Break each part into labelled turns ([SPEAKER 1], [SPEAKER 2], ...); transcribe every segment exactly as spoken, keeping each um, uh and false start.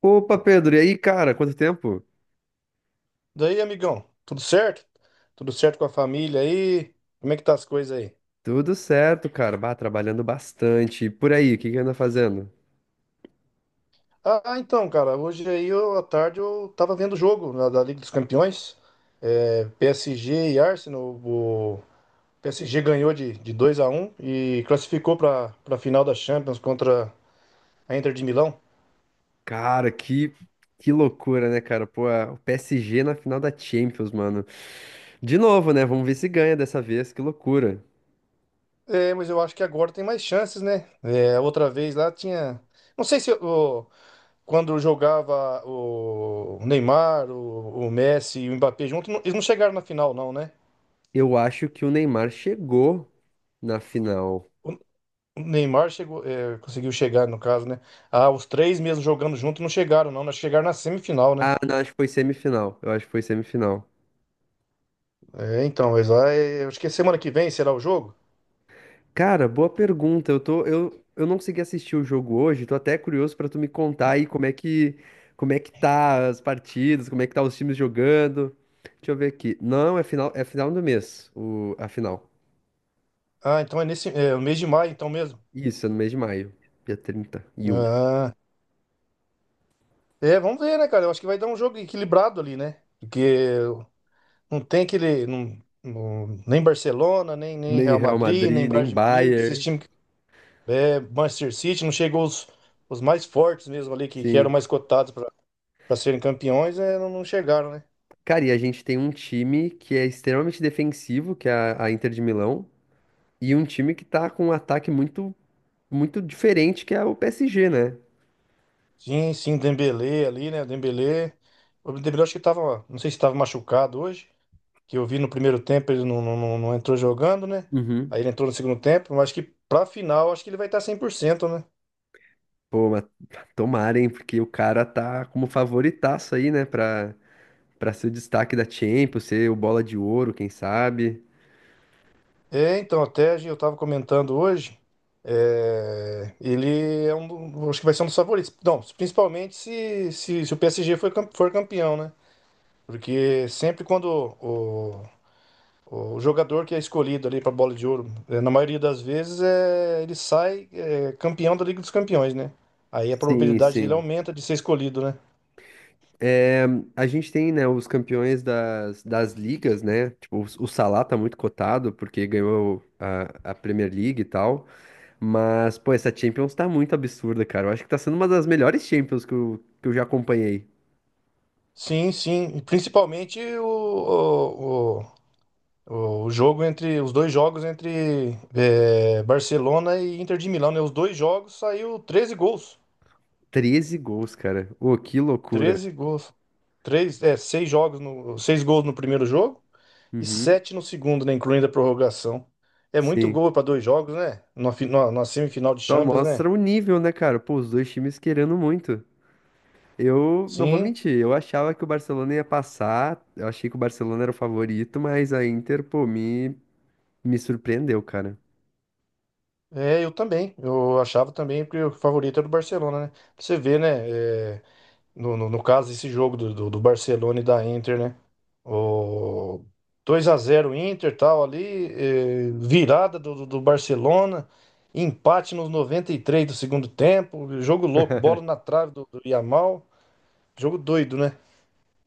[SPEAKER 1] Opa, Pedro, e aí, cara? Quanto tempo?
[SPEAKER 2] Daí, amigão, tudo certo? Tudo certo com a família aí? Como é que tá as coisas aí?
[SPEAKER 1] Tudo certo, cara. Bah, trabalhando bastante. E por aí, o que que anda fazendo?
[SPEAKER 2] Ah, então, cara, hoje aí, eu, à tarde, eu tava vendo o jogo na- da Liga dos Campeões, é, P S G e Arsenal. O P S G ganhou de, de dois a um e classificou pra, pra final da Champions contra a Inter de Milão.
[SPEAKER 1] Cara, que, que loucura, né, cara? Pô, a- o P S G na final da Champions, mano. De novo, né? Vamos ver se ganha dessa vez. Que loucura.
[SPEAKER 2] É, mas eu acho que agora tem mais chances, né? É, outra vez lá tinha. Não sei se quando jogava o Neymar, o, o Messi e o Mbappé junto, não- eles não chegaram na final, não, né?
[SPEAKER 1] Eu acho que o Neymar chegou na final.
[SPEAKER 2] O o Neymar chegou, é, conseguiu chegar, no caso, né? Ah, os três mesmo jogando junto não chegaram, não. Nós chegaram na semifinal, né?
[SPEAKER 1] Ah, não, acho que foi semifinal. Eu acho que foi semifinal.
[SPEAKER 2] É, então, mas lá, é, acho que é semana que vem será o jogo?
[SPEAKER 1] Cara, boa pergunta. Eu tô, eu, eu não consegui assistir o jogo hoje, tô até curioso pra tu me contar aí como é que, como é que tá as partidas, como é que tá os times jogando. Deixa eu ver aqui. Não, é final, é final do mês, o, a final.
[SPEAKER 2] Ah, então é nesse, é, o mês de maio, então mesmo.
[SPEAKER 1] Isso, é no mês de maio, dia trinta e um.
[SPEAKER 2] Ah, é, vamos ver, né, cara? Eu acho que vai dar um jogo equilibrado ali, né? Porque não tem aquele. Não- não- nem Barcelona, nem, nem
[SPEAKER 1] Nem
[SPEAKER 2] Real
[SPEAKER 1] Real
[SPEAKER 2] Madrid, nem
[SPEAKER 1] Madrid, nem
[SPEAKER 2] Bayern de Munique, esses
[SPEAKER 1] Bayern.
[SPEAKER 2] times. É, Manchester City, não chegou os, os mais fortes mesmo ali, que, que eram
[SPEAKER 1] Sim.
[SPEAKER 2] mais cotados para serem campeões, é, não, não chegaram, né?
[SPEAKER 1] Cara, e a gente tem um time que é extremamente defensivo, que é a, a Inter de Milão, e um time que tá com um ataque muito, muito diferente, que é o P S G, né?
[SPEAKER 2] Sim, sim, Dembélé ali, né? Dembélé. O Dembélé acho que tava, não sei se estava machucado hoje, que eu vi no primeiro tempo ele não, não, não não entrou jogando, né?
[SPEAKER 1] Uhum.
[SPEAKER 2] Aí ele entrou no segundo tempo, mas acho que pra final acho que ele vai estar cem por cento, né?
[SPEAKER 1] Pô, mas tomara, hein? Porque o cara tá como favoritaço aí, né? Pra, pra ser o destaque da Champions, ser o bola de ouro, quem sabe?
[SPEAKER 2] É, então, até a gente- eu tava comentando hoje, é, ele é um, do- acho que vai ser um dos favoritos. Não, principalmente se, se, se o P S G for, cam- for campeão, né? Porque sempre quando o, o, o jogador que é escolhido ali para bola de ouro, eh, na maioria das vezes, é, ele sai eh, campeão da Liga dos Campeões, né? Aí a
[SPEAKER 1] Sim,
[SPEAKER 2] probabilidade dele
[SPEAKER 1] sim.
[SPEAKER 2] aumenta de ser escolhido, né?
[SPEAKER 1] É, a gente tem, né, os campeões das, das ligas, né? Tipo, o Salah tá muito cotado, porque ganhou a, a Premier League e tal. Mas, pô, essa Champions tá muito absurda, cara. Eu acho que tá sendo uma das melhores Champions que eu, que eu já acompanhei.
[SPEAKER 2] Sim, sim. E principalmente o, o, o, o jogo entre os dois jogos entre eh, Barcelona e Inter de Milão, né? Os dois jogos saiu treze gols.
[SPEAKER 1] Treze gols, cara. Ô, que loucura.
[SPEAKER 2] Treze gols. Três, é, seis jogos no, seis gols no primeiro jogo e
[SPEAKER 1] Uhum.
[SPEAKER 2] sete no segundo, né? Incluindo a prorrogação. É muito
[SPEAKER 1] Sim.
[SPEAKER 2] gol para dois jogos, né? Na, fi- na- na semifinal de
[SPEAKER 1] Só
[SPEAKER 2] Champions,
[SPEAKER 1] mostra
[SPEAKER 2] né?
[SPEAKER 1] o nível, né, cara? Pô, os dois times querendo muito. Eu não vou
[SPEAKER 2] Sim,
[SPEAKER 1] mentir, eu achava que o Barcelona ia passar, eu achei que o Barcelona era o favorito, mas a Inter, pô, me, me surpreendeu, cara.
[SPEAKER 2] é, eu também. Eu achava também que o favorito era o Barcelona, né? Pra você vê, né? É, no, no, no caso, esse jogo do, do, do Barcelona e da Inter, né? O dois a zero Inter tal ali, é, virada do, do do Barcelona, empate nos noventa e três do segundo tempo, jogo louco, bola na trave do, do Yamal, jogo doido, né?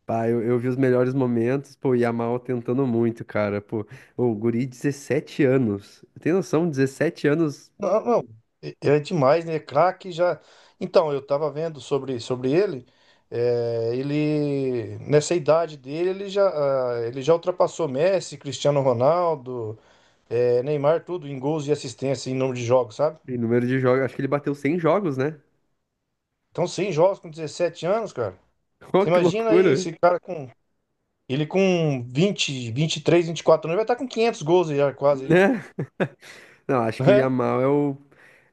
[SPEAKER 1] Pá, eu, eu vi os melhores momentos, pô, o Yamal tentando muito, cara. Pô, o guri, dezessete anos. Tem noção, dezessete anos
[SPEAKER 2] Não, não, é é demais, né? Craque já. Então, eu tava vendo sobre, sobre ele. É, ele, nessa idade dele, ele já, ah, ele já ultrapassou Messi, Cristiano Ronaldo, é, Neymar, tudo em gols e assistência em número de jogos, sabe?
[SPEAKER 1] em número de jogos, acho que ele bateu cem jogos, né?
[SPEAKER 2] Então, sim, jogos com dezessete anos, cara.
[SPEAKER 1] Ô,
[SPEAKER 2] Você
[SPEAKER 1] que
[SPEAKER 2] imagina aí
[SPEAKER 1] loucura,
[SPEAKER 2] esse cara com. Ele com vinte, vinte e três, vinte e quatro anos, ele vai estar com quinhentos gols já, quase, já, né?
[SPEAKER 1] né? Não, acho que o Yamal é o.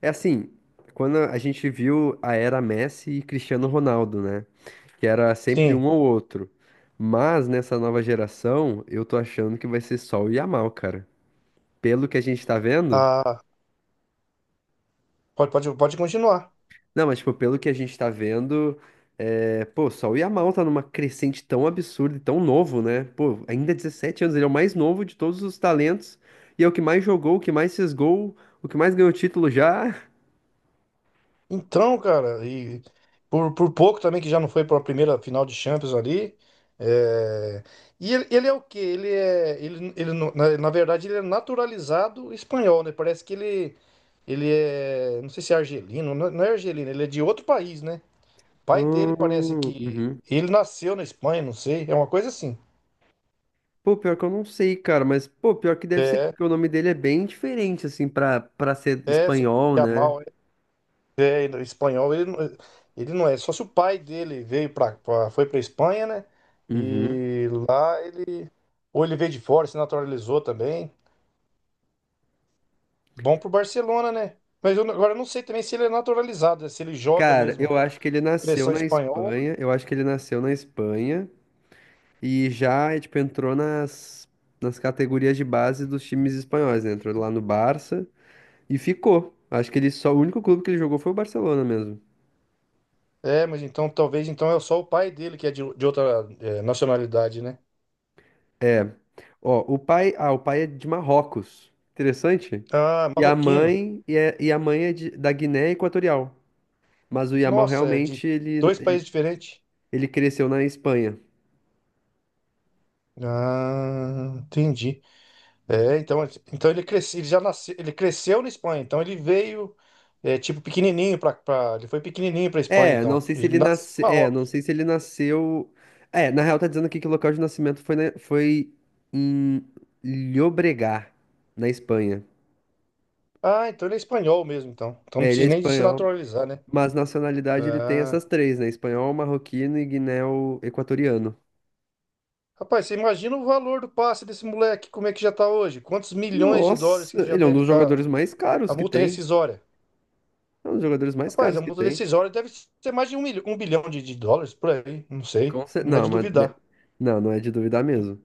[SPEAKER 1] É assim, quando a gente viu a era Messi e Cristiano Ronaldo, né? Que era sempre um
[SPEAKER 2] Sim.
[SPEAKER 1] ou outro. Mas nessa nova geração, eu tô achando que vai ser só o Yamal, cara. Pelo que a gente tá vendo.
[SPEAKER 2] Ah, pode, pode, pode continuar.
[SPEAKER 1] Não, mas, tipo, pelo que a gente tá vendo, é... pô, só o Yamal tá numa crescente tão absurda e tão novo, né? Pô, ainda é dezessete anos, ele é o mais novo de todos os talentos. E é o que mais jogou, o que mais fez gol, o que mais ganhou título já.
[SPEAKER 2] Então, cara, e por, por pouco também que já não foi para a primeira final de Champions ali. É, E ele, ele é o quê? Ele é. Ele, ele, não- na, na verdade, ele é naturalizado espanhol, né? Parece que ele, ele é. Não sei se é argelino, não não é argelino, ele é de outro país, né? Pai dele parece
[SPEAKER 1] Hum,
[SPEAKER 2] que
[SPEAKER 1] uhum.
[SPEAKER 2] ele nasceu na Espanha, não sei. É uma coisa assim.
[SPEAKER 1] Pô, pior que eu não sei, cara, mas pô, pior que deve ser porque o nome dele é bem diferente, assim, pra, pra ser
[SPEAKER 2] É, se
[SPEAKER 1] espanhol, né?
[SPEAKER 2] Yamal É, ele- espanhol, ele, não- ele não é. Só se o pai dele veio pra, pra- foi pra Espanha, né?
[SPEAKER 1] Uhum.
[SPEAKER 2] E lá ele. Ou ele veio de fora, se naturalizou também. Bom pro Barcelona, né? Mas eu, não- agora eu não sei também se ele é naturalizado, né? Se ele joga
[SPEAKER 1] Cara,
[SPEAKER 2] mesmo.
[SPEAKER 1] eu acho que ele nasceu
[SPEAKER 2] Seleção
[SPEAKER 1] na
[SPEAKER 2] espanhola.
[SPEAKER 1] Espanha, eu acho que ele nasceu na Espanha e já, eh, tipo, entrou nas, nas categorias de base dos times espanhóis, né? Entrou lá no Barça e ficou. Acho que ele só, o único clube que ele jogou foi o Barcelona mesmo.
[SPEAKER 2] É, mas então talvez então é só o pai dele que é de, de outra é, nacionalidade, né?
[SPEAKER 1] Ó, o pai, ah, o pai é de Marrocos. Interessante.
[SPEAKER 2] Ah,
[SPEAKER 1] E a
[SPEAKER 2] marroquino.
[SPEAKER 1] mãe, e, é- e a mãe é de- da Guiné Equatorial. Mas o Yamal
[SPEAKER 2] Nossa, é de
[SPEAKER 1] realmente ele,
[SPEAKER 2] dois
[SPEAKER 1] ele,
[SPEAKER 2] países diferentes.
[SPEAKER 1] ele cresceu na Espanha.
[SPEAKER 2] Ah, entendi. É, então, assim, então ele cresceu, ele já nasceu, ele cresceu na Espanha, então ele veio é, tipo pequenininho para ele foi pequenininho para Espanha,
[SPEAKER 1] É, não
[SPEAKER 2] então.
[SPEAKER 1] sei se
[SPEAKER 2] Ele
[SPEAKER 1] ele
[SPEAKER 2] nasceu
[SPEAKER 1] nasceu.
[SPEAKER 2] em
[SPEAKER 1] É, não
[SPEAKER 2] Marrocos.
[SPEAKER 1] sei se ele nasceu. É, na real tá dizendo aqui que o local de nascimento foi, na- foi em Llobregat, na Espanha.
[SPEAKER 2] Ah, então ele é espanhol mesmo, então. Então não
[SPEAKER 1] É, ele é
[SPEAKER 2] precisa nem de se
[SPEAKER 1] espanhol,
[SPEAKER 2] naturalizar, né?
[SPEAKER 1] mas nacionalidade ele tem
[SPEAKER 2] Ah.
[SPEAKER 1] essas três, né? Espanhol, marroquino e guiné-equatoriano.
[SPEAKER 2] Rapaz, você imagina o valor do passe desse moleque, como é que já tá hoje? Quantos milhões de
[SPEAKER 1] Nossa,
[SPEAKER 2] dólares que já
[SPEAKER 1] ele é um
[SPEAKER 2] deve
[SPEAKER 1] dos jogadores
[SPEAKER 2] estar
[SPEAKER 1] mais
[SPEAKER 2] a
[SPEAKER 1] caros que
[SPEAKER 2] multa
[SPEAKER 1] tem.
[SPEAKER 2] rescisória?
[SPEAKER 1] É um dos jogadores mais
[SPEAKER 2] Rapaz, a
[SPEAKER 1] caros que
[SPEAKER 2] multa
[SPEAKER 1] tem.
[SPEAKER 2] rescisória deve ser mais de um, milho- um bilhão de, de dólares por aí, não sei,
[SPEAKER 1] Com cer-
[SPEAKER 2] não é
[SPEAKER 1] Não,
[SPEAKER 2] de
[SPEAKER 1] mas de-
[SPEAKER 2] duvidar,
[SPEAKER 1] não, não é de duvidar mesmo.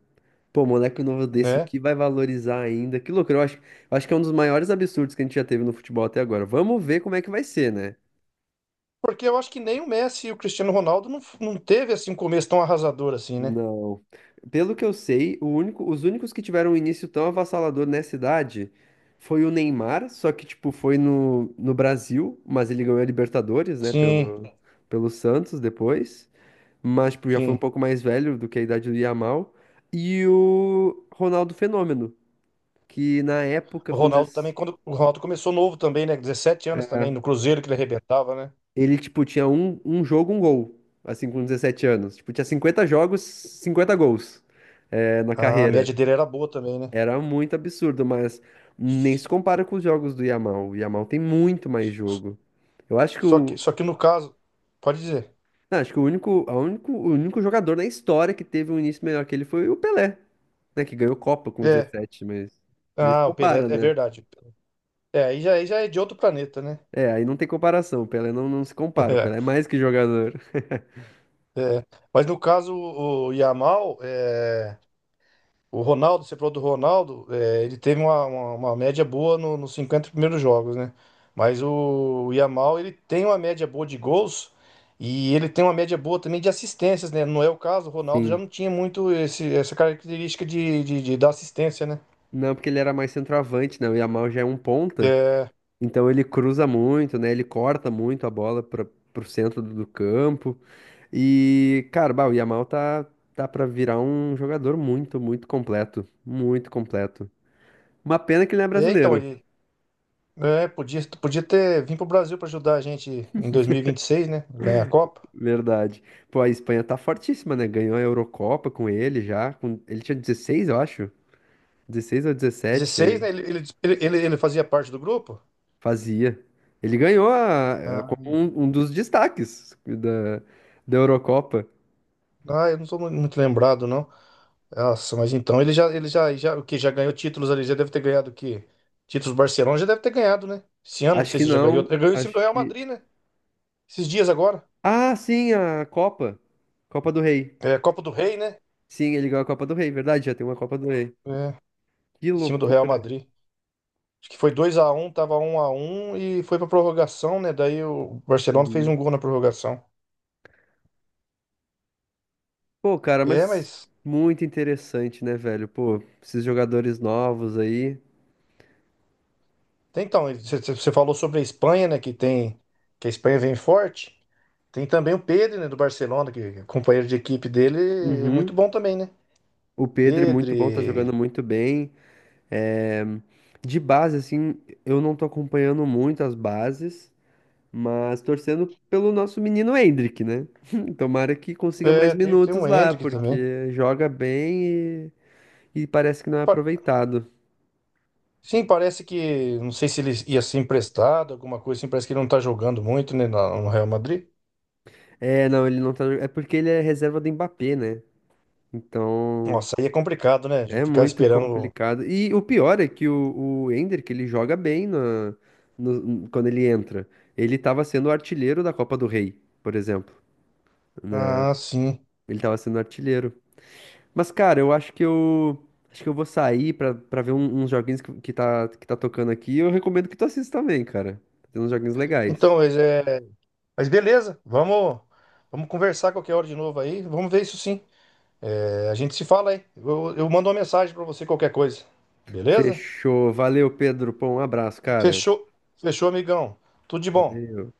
[SPEAKER 1] Pô, moleque novo desse, o
[SPEAKER 2] né?
[SPEAKER 1] que vai valorizar ainda? Que loucura, eu acho, eu acho que é um dos maiores absurdos que a gente já teve no futebol até agora. Vamos ver como é que vai ser, né?
[SPEAKER 2] Porque eu acho que nem o Messi e o Cristiano Ronaldo não, não teve assim um começo tão arrasador assim, né?
[SPEAKER 1] Não. Pelo que eu sei, o único, os únicos que tiveram um início tão avassalador nessa idade foi o Neymar, só que, tipo, foi no, no Brasil, mas ele ganhou a Libertadores, né,
[SPEAKER 2] Sim,
[SPEAKER 1] pelo, pelo Santos depois. Mas, tipo, já foi um
[SPEAKER 2] sim.
[SPEAKER 1] pouco mais velho do que a idade do Yamal. E o Ronaldo Fenômeno, que na época,
[SPEAKER 2] O
[SPEAKER 1] quando...
[SPEAKER 2] Ronaldo também, quando o Ronaldo começou novo também, né? Dezessete anos também, no Cruzeiro que ele arrebentava, né?
[SPEAKER 1] Ele, tipo, tinha um, um jogo, um gol, assim, com dezessete anos. Tipo, tinha cinquenta jogos, cinquenta gols, é, na
[SPEAKER 2] A
[SPEAKER 1] carreira.
[SPEAKER 2] média dele era boa também, né?
[SPEAKER 1] Era muito absurdo, mas nem se compara com os jogos do Yamal. O Yamal tem muito mais jogo. Eu acho que
[SPEAKER 2] Só que,
[SPEAKER 1] o,
[SPEAKER 2] só que no caso, pode dizer.
[SPEAKER 1] não, acho que o único, a único, o único jogador na história que teve um início melhor que ele foi o Pelé, né, que ganhou Copa com
[SPEAKER 2] É.
[SPEAKER 1] dezessete mas nem se
[SPEAKER 2] Ah, o Pelé,
[SPEAKER 1] compara,
[SPEAKER 2] é
[SPEAKER 1] né?
[SPEAKER 2] verdade. É, aí já, aí já é de outro planeta, né?
[SPEAKER 1] É, aí não tem comparação. O Pelé não, não se compara. O
[SPEAKER 2] É,
[SPEAKER 1] Pelé é mais que jogador.
[SPEAKER 2] é. Mas no caso, o Yamal, é. O Ronaldo, você falou do Ronaldo, é, ele teve uma, uma, uma média boa no- nos cinquenta primeiros jogos, né? Mas o, o Yamal, ele tem uma média boa de gols e ele tem uma média boa também de assistências, né? Não é o caso, o Ronaldo já
[SPEAKER 1] Sim.
[SPEAKER 2] não tinha muito esse, essa característica de, de, de dar assistência, né?
[SPEAKER 1] Não, porque ele era mais centroavante, né? O Yamal já é um ponta.
[SPEAKER 2] É,
[SPEAKER 1] Então ele cruza muito, né? Ele corta muito a bola para pro centro do do campo. E, cara, bah, o Yamal tá, tá para virar um jogador muito, muito completo. Muito completo. Uma pena que ele não é
[SPEAKER 2] é, então,
[SPEAKER 1] brasileiro,
[SPEAKER 2] ele é, podia, podia ter vindo pro Brasil para ajudar a gente em dois mil e vinte e seis, né? Ganhar a Copa.
[SPEAKER 1] verdade. Pô, a Espanha tá fortíssima, né? Ganhou a Eurocopa com ele já. com- Ele tinha dezesseis, eu acho. Dezesseis ou dezessete
[SPEAKER 2] dezesseis,
[SPEAKER 1] é,
[SPEAKER 2] né? Ele, ele, ele, ele fazia parte do grupo?
[SPEAKER 1] fazia. Ele ganhou a- é,
[SPEAKER 2] Ah,
[SPEAKER 1] como um, um dos destaques da, da Eurocopa.
[SPEAKER 2] Ah, eu não sou mu- muito lembrado, não. Nossa, mas então ele já, ele já, já, o que já ganhou títulos ali, já deve ter ganhado o quê? Títulos do Barcelona já deve ter ganhado, né? Esse ano, não
[SPEAKER 1] Acho
[SPEAKER 2] sei
[SPEAKER 1] que
[SPEAKER 2] se já ganhou.
[SPEAKER 1] não.
[SPEAKER 2] Ele ganhou em cima
[SPEAKER 1] Acho
[SPEAKER 2] do Real
[SPEAKER 1] que.
[SPEAKER 2] Madrid, né? Esses dias agora.
[SPEAKER 1] Ah, sim, a Copa. Copa do Rei.
[SPEAKER 2] É, Copa do Rei, né?
[SPEAKER 1] Sim, ele ganhou a Copa do Rei, verdade, já tem uma Copa do Rei.
[SPEAKER 2] É,
[SPEAKER 1] Que
[SPEAKER 2] em cima do Real
[SPEAKER 1] loucura.
[SPEAKER 2] Madrid. Acho que foi dois a um, tava um a um e foi pra prorrogação, né? Daí o Barcelona fez um
[SPEAKER 1] Uhum.
[SPEAKER 2] gol na prorrogação.
[SPEAKER 1] Pô, cara,
[SPEAKER 2] É,
[SPEAKER 1] mas
[SPEAKER 2] mas
[SPEAKER 1] muito interessante, né, velho? Pô, esses jogadores novos aí.
[SPEAKER 2] então, você falou sobre a Espanha, né? Que tem que a Espanha vem forte. Tem também o Pedro, né, do Barcelona, que é companheiro de equipe dele, é muito
[SPEAKER 1] Uhum.
[SPEAKER 2] bom também, né?
[SPEAKER 1] O Pedro é
[SPEAKER 2] Pedro,
[SPEAKER 1] muito bom, tá
[SPEAKER 2] e-
[SPEAKER 1] jogando muito bem. É, de base, assim, eu não tô acompanhando muito as bases, mas torcendo pelo nosso menino Hendrick, né? Tomara que consiga mais
[SPEAKER 2] é, tem, tem
[SPEAKER 1] minutos
[SPEAKER 2] um
[SPEAKER 1] lá,
[SPEAKER 2] Endrick também.
[SPEAKER 1] porque joga bem. E parece que não é
[SPEAKER 2] Pa-
[SPEAKER 1] aproveitado.
[SPEAKER 2] Sim, parece que, não sei se ele ia ser emprestado, alguma coisa assim, parece que ele não tá jogando muito, né, na- no Real Madrid.
[SPEAKER 1] É, não, ele não tá. É porque ele é reserva do Mbappé, né? Então
[SPEAKER 2] Nossa, aí é complicado, né? De
[SPEAKER 1] é
[SPEAKER 2] ficar
[SPEAKER 1] muito
[SPEAKER 2] esperando.
[SPEAKER 1] complicado. E o pior é que o, o Ender, que ele joga bem na, no- quando ele entra. Ele tava sendo o artilheiro da Copa do Rei, por exemplo.
[SPEAKER 2] Ah, sim.
[SPEAKER 1] Ele tava sendo artilheiro. Mas, cara, eu acho que eu. Acho que eu vou sair pra, pra ver um- uns joguinhos que, que, tá, que tá tocando aqui. Eu recomendo que tu assista também, cara. Tem uns joguinhos legais.
[SPEAKER 2] Então, mas, é... mas beleza, vamos, vamos conversar qualquer hora de novo aí, vamos ver isso sim. A gente se fala aí. Eu, eu mando uma mensagem pra você qualquer coisa. Beleza?
[SPEAKER 1] Fechou. Valeu, Pedro. Pô, um abraço, cara.
[SPEAKER 2] Fechou, fechou, amigão. Tudo de bom.
[SPEAKER 1] Valeu.